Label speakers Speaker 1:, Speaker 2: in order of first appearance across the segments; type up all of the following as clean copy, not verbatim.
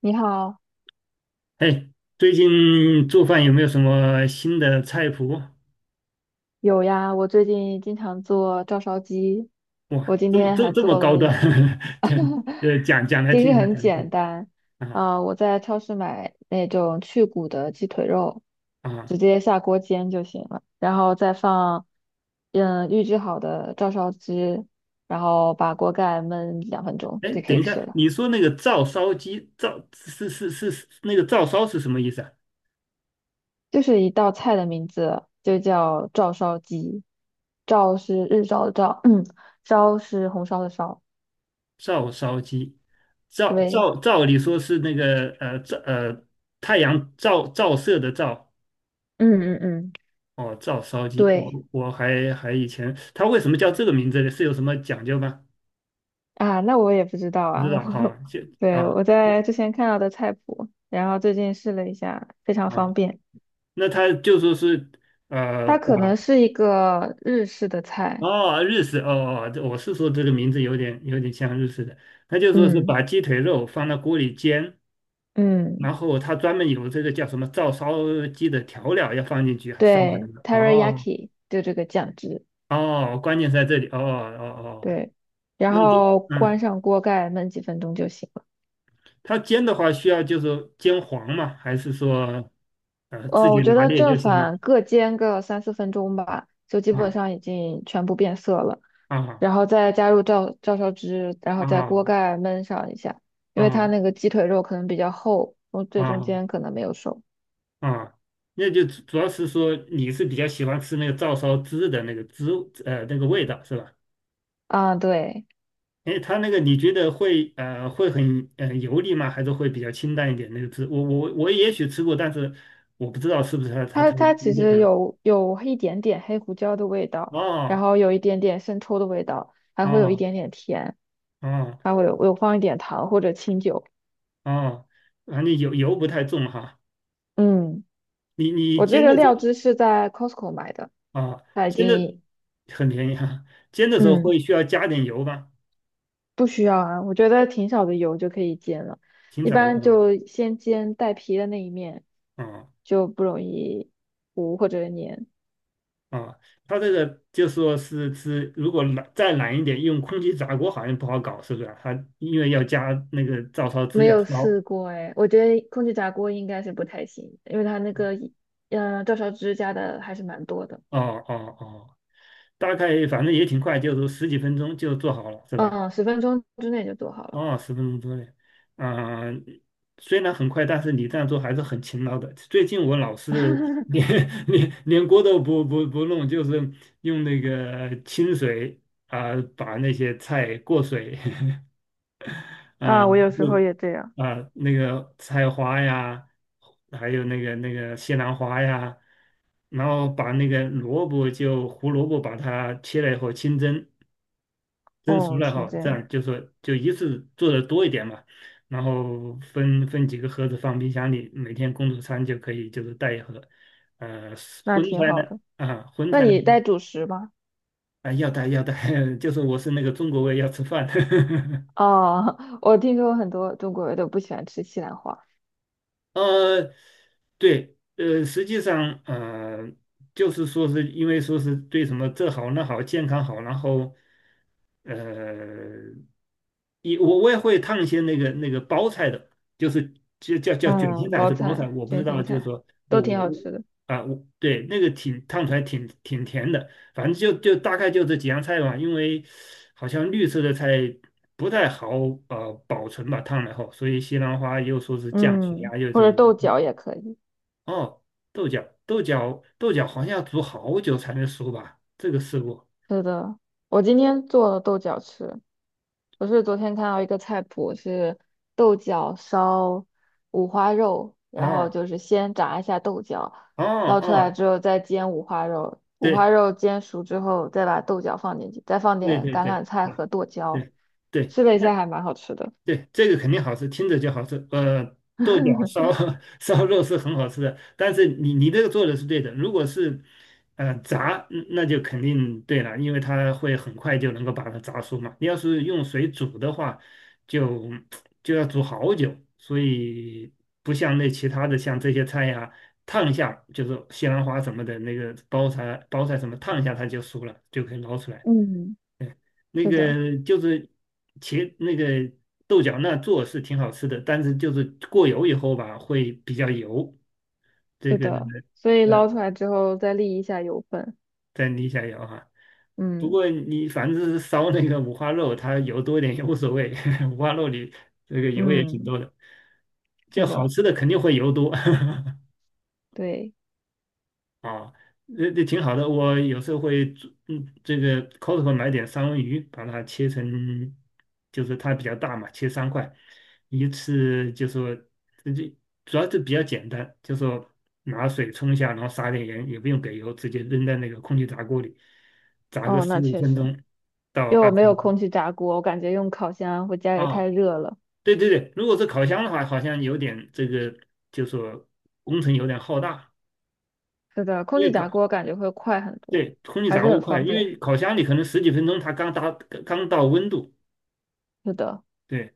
Speaker 1: 你好。
Speaker 2: 哎，最近做饭有没有什么新的菜谱？
Speaker 1: 有呀，我最近经常做照烧鸡。我
Speaker 2: 哇，
Speaker 1: 今
Speaker 2: 这么
Speaker 1: 天
Speaker 2: 这
Speaker 1: 还
Speaker 2: 这么
Speaker 1: 做
Speaker 2: 高
Speaker 1: 了
Speaker 2: 端。
Speaker 1: 一
Speaker 2: 这 讲讲来
Speaker 1: 其实
Speaker 2: 听一下，
Speaker 1: 很
Speaker 2: 讲一下。
Speaker 1: 简单。
Speaker 2: 啊
Speaker 1: 我在超市买那种去骨的鸡腿肉，
Speaker 2: 啊！
Speaker 1: 直接下锅煎就行了，然后再放，嗯，预制好的照烧汁，然后把锅盖焖2分钟
Speaker 2: 哎，
Speaker 1: 就可
Speaker 2: 等
Speaker 1: 以
Speaker 2: 一
Speaker 1: 吃
Speaker 2: 下，
Speaker 1: 了。
Speaker 2: 你说那个照烧鸡，照是是是是那个照烧是什么意思啊？
Speaker 1: 就是一道菜的名字就叫照烧鸡，照是日照的照，烧是红烧的烧。
Speaker 2: 照烧鸡，照
Speaker 1: 对，
Speaker 2: 照照理说是那个照太阳照射的照。
Speaker 1: 嗯嗯嗯。
Speaker 2: 哦，照烧鸡，
Speaker 1: 对
Speaker 2: 我还以前它为什么叫这个名字呢？是有什么讲究吗？
Speaker 1: 啊，那我也不知道
Speaker 2: 不
Speaker 1: 啊，
Speaker 2: 知 道哈。啊。
Speaker 1: 我在之前看到的菜谱，然后最近试了一下，非常方
Speaker 2: 啊，
Speaker 1: 便。
Speaker 2: 那他就说是呃
Speaker 1: 它
Speaker 2: 把
Speaker 1: 可能是一个日式的菜。
Speaker 2: 哦，日式哦。哦，这我是说这个名字有点像日式的，他就说是
Speaker 1: 嗯
Speaker 2: 把鸡腿肉放到锅里煎，
Speaker 1: 嗯。
Speaker 2: 然后他专门有这个叫什么照烧鸡的调料要放进去，啊，烧
Speaker 1: 对
Speaker 2: 很久。哦。
Speaker 1: ，teriyaki 就这个酱汁。
Speaker 2: 哦，关键在这里，哦哦哦，哦，
Speaker 1: 对，然
Speaker 2: 那就
Speaker 1: 后关
Speaker 2: 嗯，
Speaker 1: 上锅盖焖几分钟就行了。
Speaker 2: 他煎的话需要就是煎黄吗？还是说自己
Speaker 1: 我觉
Speaker 2: 拿
Speaker 1: 得
Speaker 2: 捏
Speaker 1: 正
Speaker 2: 就行了？
Speaker 1: 反各煎个3、4分钟吧，就基本
Speaker 2: 啊
Speaker 1: 上已经全部变色了，
Speaker 2: 啊
Speaker 1: 然后再加入照烧汁，然后在锅
Speaker 2: 啊
Speaker 1: 盖焖上一下，因
Speaker 2: 啊
Speaker 1: 为它
Speaker 2: 啊！
Speaker 1: 那个鸡腿肉可能比较厚，我最中
Speaker 2: 哦，
Speaker 1: 间可能没有熟。
Speaker 2: 啊，那就主要是说你是比较喜欢吃那个照烧汁的那个汁那个味道是吧？
Speaker 1: 啊，对。
Speaker 2: 哎，它那个你觉得会很油腻吗？还是会比较清淡一点那个汁？我也许吃过，但是我不知道是不是它它
Speaker 1: 它
Speaker 2: 它
Speaker 1: 它
Speaker 2: 有
Speaker 1: 其
Speaker 2: 点
Speaker 1: 实
Speaker 2: 嗯，
Speaker 1: 有一点点黑胡椒的味道，然
Speaker 2: 哦
Speaker 1: 后有一点点生抽的味道，还会有一
Speaker 2: 哦
Speaker 1: 点点甜，
Speaker 2: 哦
Speaker 1: 还会有放一点糖或者清酒。
Speaker 2: 哦，反正油不太重哈。
Speaker 1: 嗯，
Speaker 2: 你
Speaker 1: 我这
Speaker 2: 煎的
Speaker 1: 个料
Speaker 2: 时
Speaker 1: 汁是在 Costco 买的，
Speaker 2: 候啊，
Speaker 1: 它已
Speaker 2: 煎的
Speaker 1: 经
Speaker 2: 很便宜哈。煎的时候
Speaker 1: 嗯。
Speaker 2: 会需要加点油吧？
Speaker 1: 不需要啊，我觉得挺少的油就可以煎了，
Speaker 2: 挺
Speaker 1: 一
Speaker 2: 少的
Speaker 1: 般
Speaker 2: 啊。
Speaker 1: 就先煎带皮的那一面，
Speaker 2: 啊，哦，
Speaker 1: 就不容易糊或者粘。
Speaker 2: 啊，它这个就说是是，如果懒再懒一点，用空气炸锅好像不好搞，是不是啊？它因为要加那个照烧汁
Speaker 1: 没
Speaker 2: 要
Speaker 1: 有
Speaker 2: 烧。
Speaker 1: 试过哎，我觉得空气炸锅应该是不太行，因为它那个，嗯，照烧汁加的还是蛮多的。
Speaker 2: 哦，哦哦，大概反正也挺快，就是十几分钟就做好了，是吧？
Speaker 1: 嗯，10分钟之内就做好了。
Speaker 2: 哦，十分钟多嘞。啊、虽然很快，但是你这样做还是很勤劳的。最近我老是 连 连锅都不弄，就是用那个清水啊、把那些菜过水。啊。
Speaker 1: 啊，我有时候也这样。
Speaker 2: 啊，那个菜花呀，还有那个西兰花呀，然后把那个萝卜就胡萝卜把它切了以后清蒸，蒸熟
Speaker 1: 哦，
Speaker 2: 了以
Speaker 1: 清
Speaker 2: 后，这
Speaker 1: 蒸。
Speaker 2: 样就说就一次做的多一点嘛，然后分几个盒子放冰箱里，每天工作餐就可以就是带一盒。呃，
Speaker 1: 那
Speaker 2: 荤
Speaker 1: 挺
Speaker 2: 菜呢，
Speaker 1: 好的。
Speaker 2: 荤
Speaker 1: 那
Speaker 2: 菜呢。
Speaker 1: 你带主食吗？
Speaker 2: 啊，要带要带。就是我是那个中国胃要吃饭。
Speaker 1: 哦，我听说很多中国人都不喜欢吃西兰花。
Speaker 2: 呃，对，实际上，就是说是因为说是对什么这好那好，健康好，然后，呃，也我也会烫一些那个那个包菜的，就是就叫卷心
Speaker 1: 嗯，
Speaker 2: 菜还
Speaker 1: 包
Speaker 2: 是包菜，
Speaker 1: 菜、
Speaker 2: 我不知
Speaker 1: 卷
Speaker 2: 道，
Speaker 1: 心
Speaker 2: 就是
Speaker 1: 菜
Speaker 2: 说
Speaker 1: 都
Speaker 2: 我
Speaker 1: 挺
Speaker 2: 我
Speaker 1: 好
Speaker 2: 我
Speaker 1: 吃的。
Speaker 2: 啊，我对那个挺烫出来挺挺甜的，反正就就大概就这几样菜嘛，因为好像绿色的菜不太好保存吧，烫了后，所以西兰花又说是降血
Speaker 1: 嗯，
Speaker 2: 压，又
Speaker 1: 或
Speaker 2: 怎
Speaker 1: 者
Speaker 2: 么。
Speaker 1: 豆
Speaker 2: 对，
Speaker 1: 角也可以。
Speaker 2: 哦，豆角，豆角，豆角好像要煮好久才能熟吧？这个试过。
Speaker 1: 是的，我今天做了豆角吃。我是昨天看到一个菜谱是豆角烧五花肉，
Speaker 2: 哦，
Speaker 1: 然后就是先炸一下豆角，
Speaker 2: 哦
Speaker 1: 捞出来
Speaker 2: 哦，
Speaker 1: 之后再煎五花肉，五
Speaker 2: 对
Speaker 1: 花肉煎熟之后再把豆角放进去，再放
Speaker 2: 对
Speaker 1: 点
Speaker 2: 对
Speaker 1: 橄
Speaker 2: 对
Speaker 1: 榄菜
Speaker 2: 对
Speaker 1: 和剁椒，
Speaker 2: 对对。
Speaker 1: 试了一
Speaker 2: 那
Speaker 1: 下还蛮好吃的。
Speaker 2: 对，这个肯定好吃，听着就好吃。豆角烧 烧肉是很好吃的，但是你这个做的是对的。如果是炸，嗯，那就肯定对了，因为它会很快就能够把它炸熟嘛。你要是用水煮的话，就就要煮好久，所以不像那其他的像这些菜呀、烫一下就是西兰花什么的那个包菜包菜什么烫一下它就熟了，就可以捞出来。
Speaker 1: 嗯。
Speaker 2: 那
Speaker 1: 是的。
Speaker 2: 个就是那个豆角那做是挺好吃的，但是就是过油以后吧，会比较油。这
Speaker 1: 是
Speaker 2: 个
Speaker 1: 的，所以
Speaker 2: 呃，
Speaker 1: 捞出来之后再沥一下油分。
Speaker 2: 再捏一下油哈。不
Speaker 1: 嗯
Speaker 2: 过你反正是烧那个五花肉，它油多一点也无所谓，五花肉里这个油也挺
Speaker 1: 嗯，
Speaker 2: 多的，
Speaker 1: 是
Speaker 2: 就好
Speaker 1: 的。
Speaker 2: 吃的肯定会油多。
Speaker 1: 对。
Speaker 2: 啊，这这挺好的。我有时候会做，嗯，这个 Costco 买点三文鱼，把它切成，就是它比较大嘛，切三块，一次就说，这就主要是比较简单，就说拿水冲一下，然后撒点盐，也不用给油，直接扔在那个空气炸锅里，炸个
Speaker 1: 哦，
Speaker 2: 十
Speaker 1: 那
Speaker 2: 五
Speaker 1: 确
Speaker 2: 分
Speaker 1: 实。
Speaker 2: 钟到
Speaker 1: 因为我
Speaker 2: 二十
Speaker 1: 没有
Speaker 2: 分
Speaker 1: 空
Speaker 2: 钟。
Speaker 1: 气炸锅，我感觉用烤箱会家里太
Speaker 2: 啊，
Speaker 1: 热了。
Speaker 2: 对对对，如果是烤箱的话，好像有点这个，就说工程有点浩大。
Speaker 1: 是的，空
Speaker 2: 因
Speaker 1: 气
Speaker 2: 为烤
Speaker 1: 炸锅感觉会快很多，
Speaker 2: 对，空气
Speaker 1: 还
Speaker 2: 炸
Speaker 1: 是
Speaker 2: 锅
Speaker 1: 很
Speaker 2: 快，
Speaker 1: 方
Speaker 2: 因
Speaker 1: 便。
Speaker 2: 为烤箱里可能十几分钟它刚到温度。
Speaker 1: 是的。
Speaker 2: 对，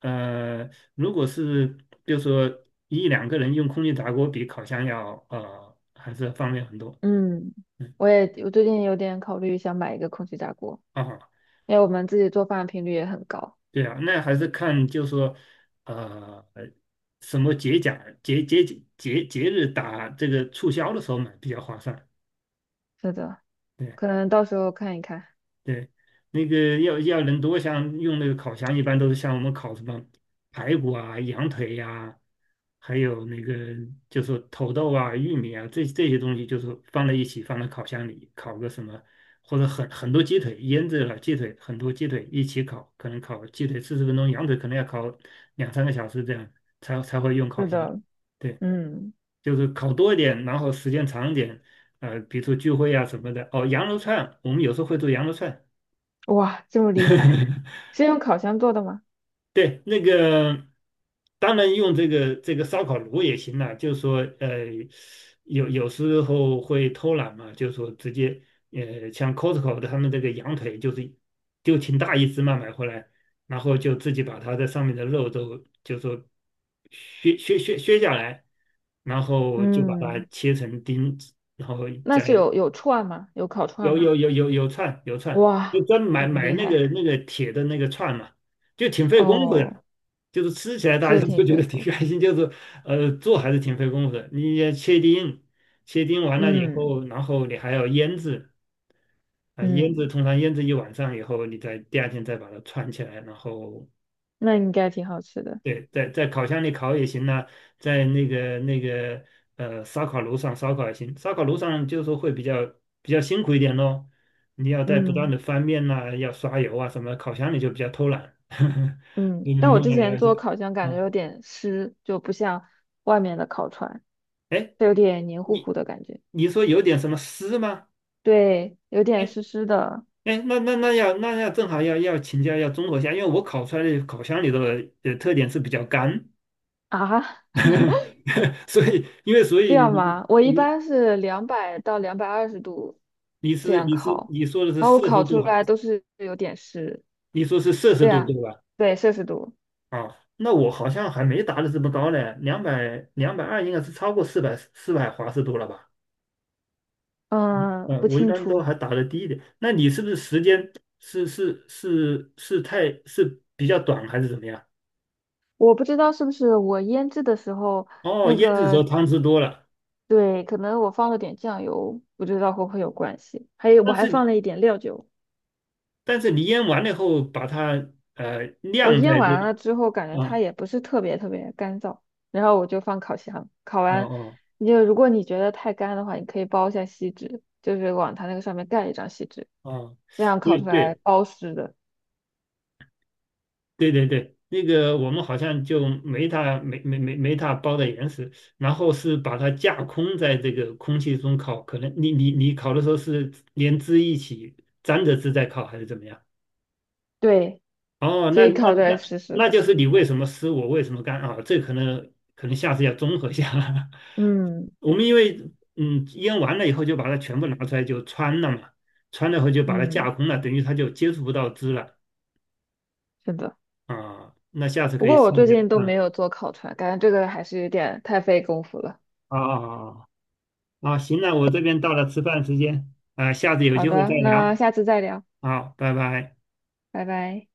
Speaker 2: 如果是比如说一两个人用空气炸锅，比烤箱要还是方便很多。
Speaker 1: 嗯，
Speaker 2: 嗯。
Speaker 1: 我最近有点考虑想买一个空气炸锅，
Speaker 2: 啊，
Speaker 1: 因为我们自己做饭的频率也很高。
Speaker 2: 对啊，那还是看就是说呃什么节假节节节节日打这个促销的时候买比较划算。
Speaker 1: 是的，
Speaker 2: 对。
Speaker 1: 可能到时候看一看。
Speaker 2: 对，那个要要人多，像用那个烤箱，一般都是像我们烤什么排骨啊、羊腿呀、还有那个就是土豆啊、玉米啊，这这些东西就是放在一起，放在烤箱里烤个什么，或者很多鸡腿，腌制了鸡腿，很多鸡腿一起烤，可能烤鸡腿40分钟，羊腿可能要烤两三个小时这样才会用烤
Speaker 1: 是
Speaker 2: 箱。
Speaker 1: 的。
Speaker 2: 对，
Speaker 1: 嗯。
Speaker 2: 就是烤多一点，然后时间长一点，比如说聚会啊什么的。哦，羊肉串，我们有时候会做羊肉串。
Speaker 1: 哇，这么厉害，是用烤箱做的吗？
Speaker 2: 对，那个当然用这个这个烧烤炉也行啦，就是说，有有时候会偷懒嘛，就是说直接，像 Costco 的他们这个羊腿就是就挺大一只嘛，买回来，然后就自己把它的上面的肉都就说削下来，然后就把它
Speaker 1: 嗯，
Speaker 2: 切成丁，然后
Speaker 1: 那
Speaker 2: 再
Speaker 1: 是有串吗？有烤串吗？
Speaker 2: 有串，有串，就
Speaker 1: 哇，
Speaker 2: 专门
Speaker 1: 这么
Speaker 2: 买
Speaker 1: 厉
Speaker 2: 那个
Speaker 1: 害。
Speaker 2: 那个铁的那个串嘛，就挺费功夫的。
Speaker 1: 哦，
Speaker 2: 就是吃起来大家
Speaker 1: 是挺
Speaker 2: 都觉
Speaker 1: 肥
Speaker 2: 得挺
Speaker 1: 的。
Speaker 2: 开心，就是做还是挺费功夫的。你要切丁，切丁完了以
Speaker 1: 嗯
Speaker 2: 后，然后你还要腌制，啊，腌制
Speaker 1: 嗯，
Speaker 2: 通常腌制一晚上以后，你再第二天再把它串起来，然后
Speaker 1: 那应该挺好吃的。
Speaker 2: 对，在在烤箱里烤也行呐、在那个那个烧烤炉上烧烤也行。烧烤炉上就是说会比较比较辛苦一点咯，你要在不断
Speaker 1: 嗯
Speaker 2: 的翻面呐、要刷油啊什么。烤箱里就比较偷懒。
Speaker 1: 嗯。
Speaker 2: 你
Speaker 1: 但
Speaker 2: 能
Speaker 1: 我
Speaker 2: 弄
Speaker 1: 之
Speaker 2: 了
Speaker 1: 前
Speaker 2: 弄求
Speaker 1: 做烤箱感
Speaker 2: 啊。
Speaker 1: 觉有点湿，就不像外面的烤串，
Speaker 2: 哎，
Speaker 1: 它有点黏糊
Speaker 2: 你
Speaker 1: 糊的感觉。
Speaker 2: 你说有点什么湿吗？
Speaker 1: 对，有
Speaker 2: 哎，
Speaker 1: 点湿湿的。
Speaker 2: 哎，那要正好要要请教，要综合一下，因为我烤出来的烤箱里的特点是比较干。
Speaker 1: 啊，
Speaker 2: 所以因为所
Speaker 1: 这
Speaker 2: 以
Speaker 1: 样
Speaker 2: 你
Speaker 1: 吗？我一般
Speaker 2: 你
Speaker 1: 是两百到220度
Speaker 2: 你
Speaker 1: 这
Speaker 2: 是
Speaker 1: 样
Speaker 2: 你是
Speaker 1: 烤，
Speaker 2: 你说的是
Speaker 1: 然后我
Speaker 2: 摄氏
Speaker 1: 烤
Speaker 2: 度
Speaker 1: 出
Speaker 2: 还，
Speaker 1: 来都是有点湿。
Speaker 2: 你说是摄氏
Speaker 1: 对
Speaker 2: 度对
Speaker 1: 啊，
Speaker 2: 吧？
Speaker 1: 对，摄氏度。
Speaker 2: 啊，那我好像还没达到这么高呢，两百，220应该是超过四百，400华氏度了吧？
Speaker 1: 嗯，不
Speaker 2: 嗯，我一
Speaker 1: 清
Speaker 2: 般都
Speaker 1: 楚。
Speaker 2: 还打的低一点。那你是不是时间是是是是太是比较短还是怎么样？
Speaker 1: 我不知道是不是我腌制的时候
Speaker 2: 哦，
Speaker 1: 那
Speaker 2: 腌制的时候
Speaker 1: 个，
Speaker 2: 汤汁多了，
Speaker 1: 对，可能我放了点酱油，不知道会不会有关系。还有我
Speaker 2: 但
Speaker 1: 还
Speaker 2: 是你
Speaker 1: 放了一点料酒。
Speaker 2: 但是你腌完了以后把它
Speaker 1: 我
Speaker 2: 晾
Speaker 1: 腌
Speaker 2: 在这
Speaker 1: 完了
Speaker 2: 里。
Speaker 1: 之后，感觉它
Speaker 2: 啊，
Speaker 1: 也不是特别特别干燥，然后我就放烤箱，烤
Speaker 2: 哦
Speaker 1: 完，
Speaker 2: 哦
Speaker 1: 你就如果你觉得太干的话，你可以包一下锡纸，就是往它那个上面盖一张锡纸，
Speaker 2: 哦，
Speaker 1: 这样烤
Speaker 2: 对
Speaker 1: 出来
Speaker 2: 对
Speaker 1: 包湿的。
Speaker 2: 对对对，那个我们好像就没它没它包的严实，然后是把它架空在这个空气中烤，可能你烤的时候是连汁一起沾着汁在烤还是怎么样？
Speaker 1: 对，
Speaker 2: 哦，
Speaker 1: 所以烤出来湿湿
Speaker 2: 那
Speaker 1: 的。
Speaker 2: 就是你为什么湿我为什么干啊？这可能，可能下次要综合一下。
Speaker 1: 嗯
Speaker 2: 我们因为嗯腌完了以后就把它全部拿出来就穿了嘛，穿了以后就把它
Speaker 1: 嗯，
Speaker 2: 架空了，等于它就接触不到汁了。
Speaker 1: 是的。
Speaker 2: 啊，那下次
Speaker 1: 不
Speaker 2: 可以
Speaker 1: 过我
Speaker 2: 试一
Speaker 1: 最
Speaker 2: 下。
Speaker 1: 近都没
Speaker 2: 嗯，
Speaker 1: 有做烤串，感觉这个还是有点太费功夫了。
Speaker 2: 啊啊啊。啊，行了，我这边到了吃饭时间，啊，下次有
Speaker 1: 好
Speaker 2: 机会再
Speaker 1: 的，那
Speaker 2: 聊。
Speaker 1: 下次再聊，
Speaker 2: 好，拜拜。
Speaker 1: 拜拜。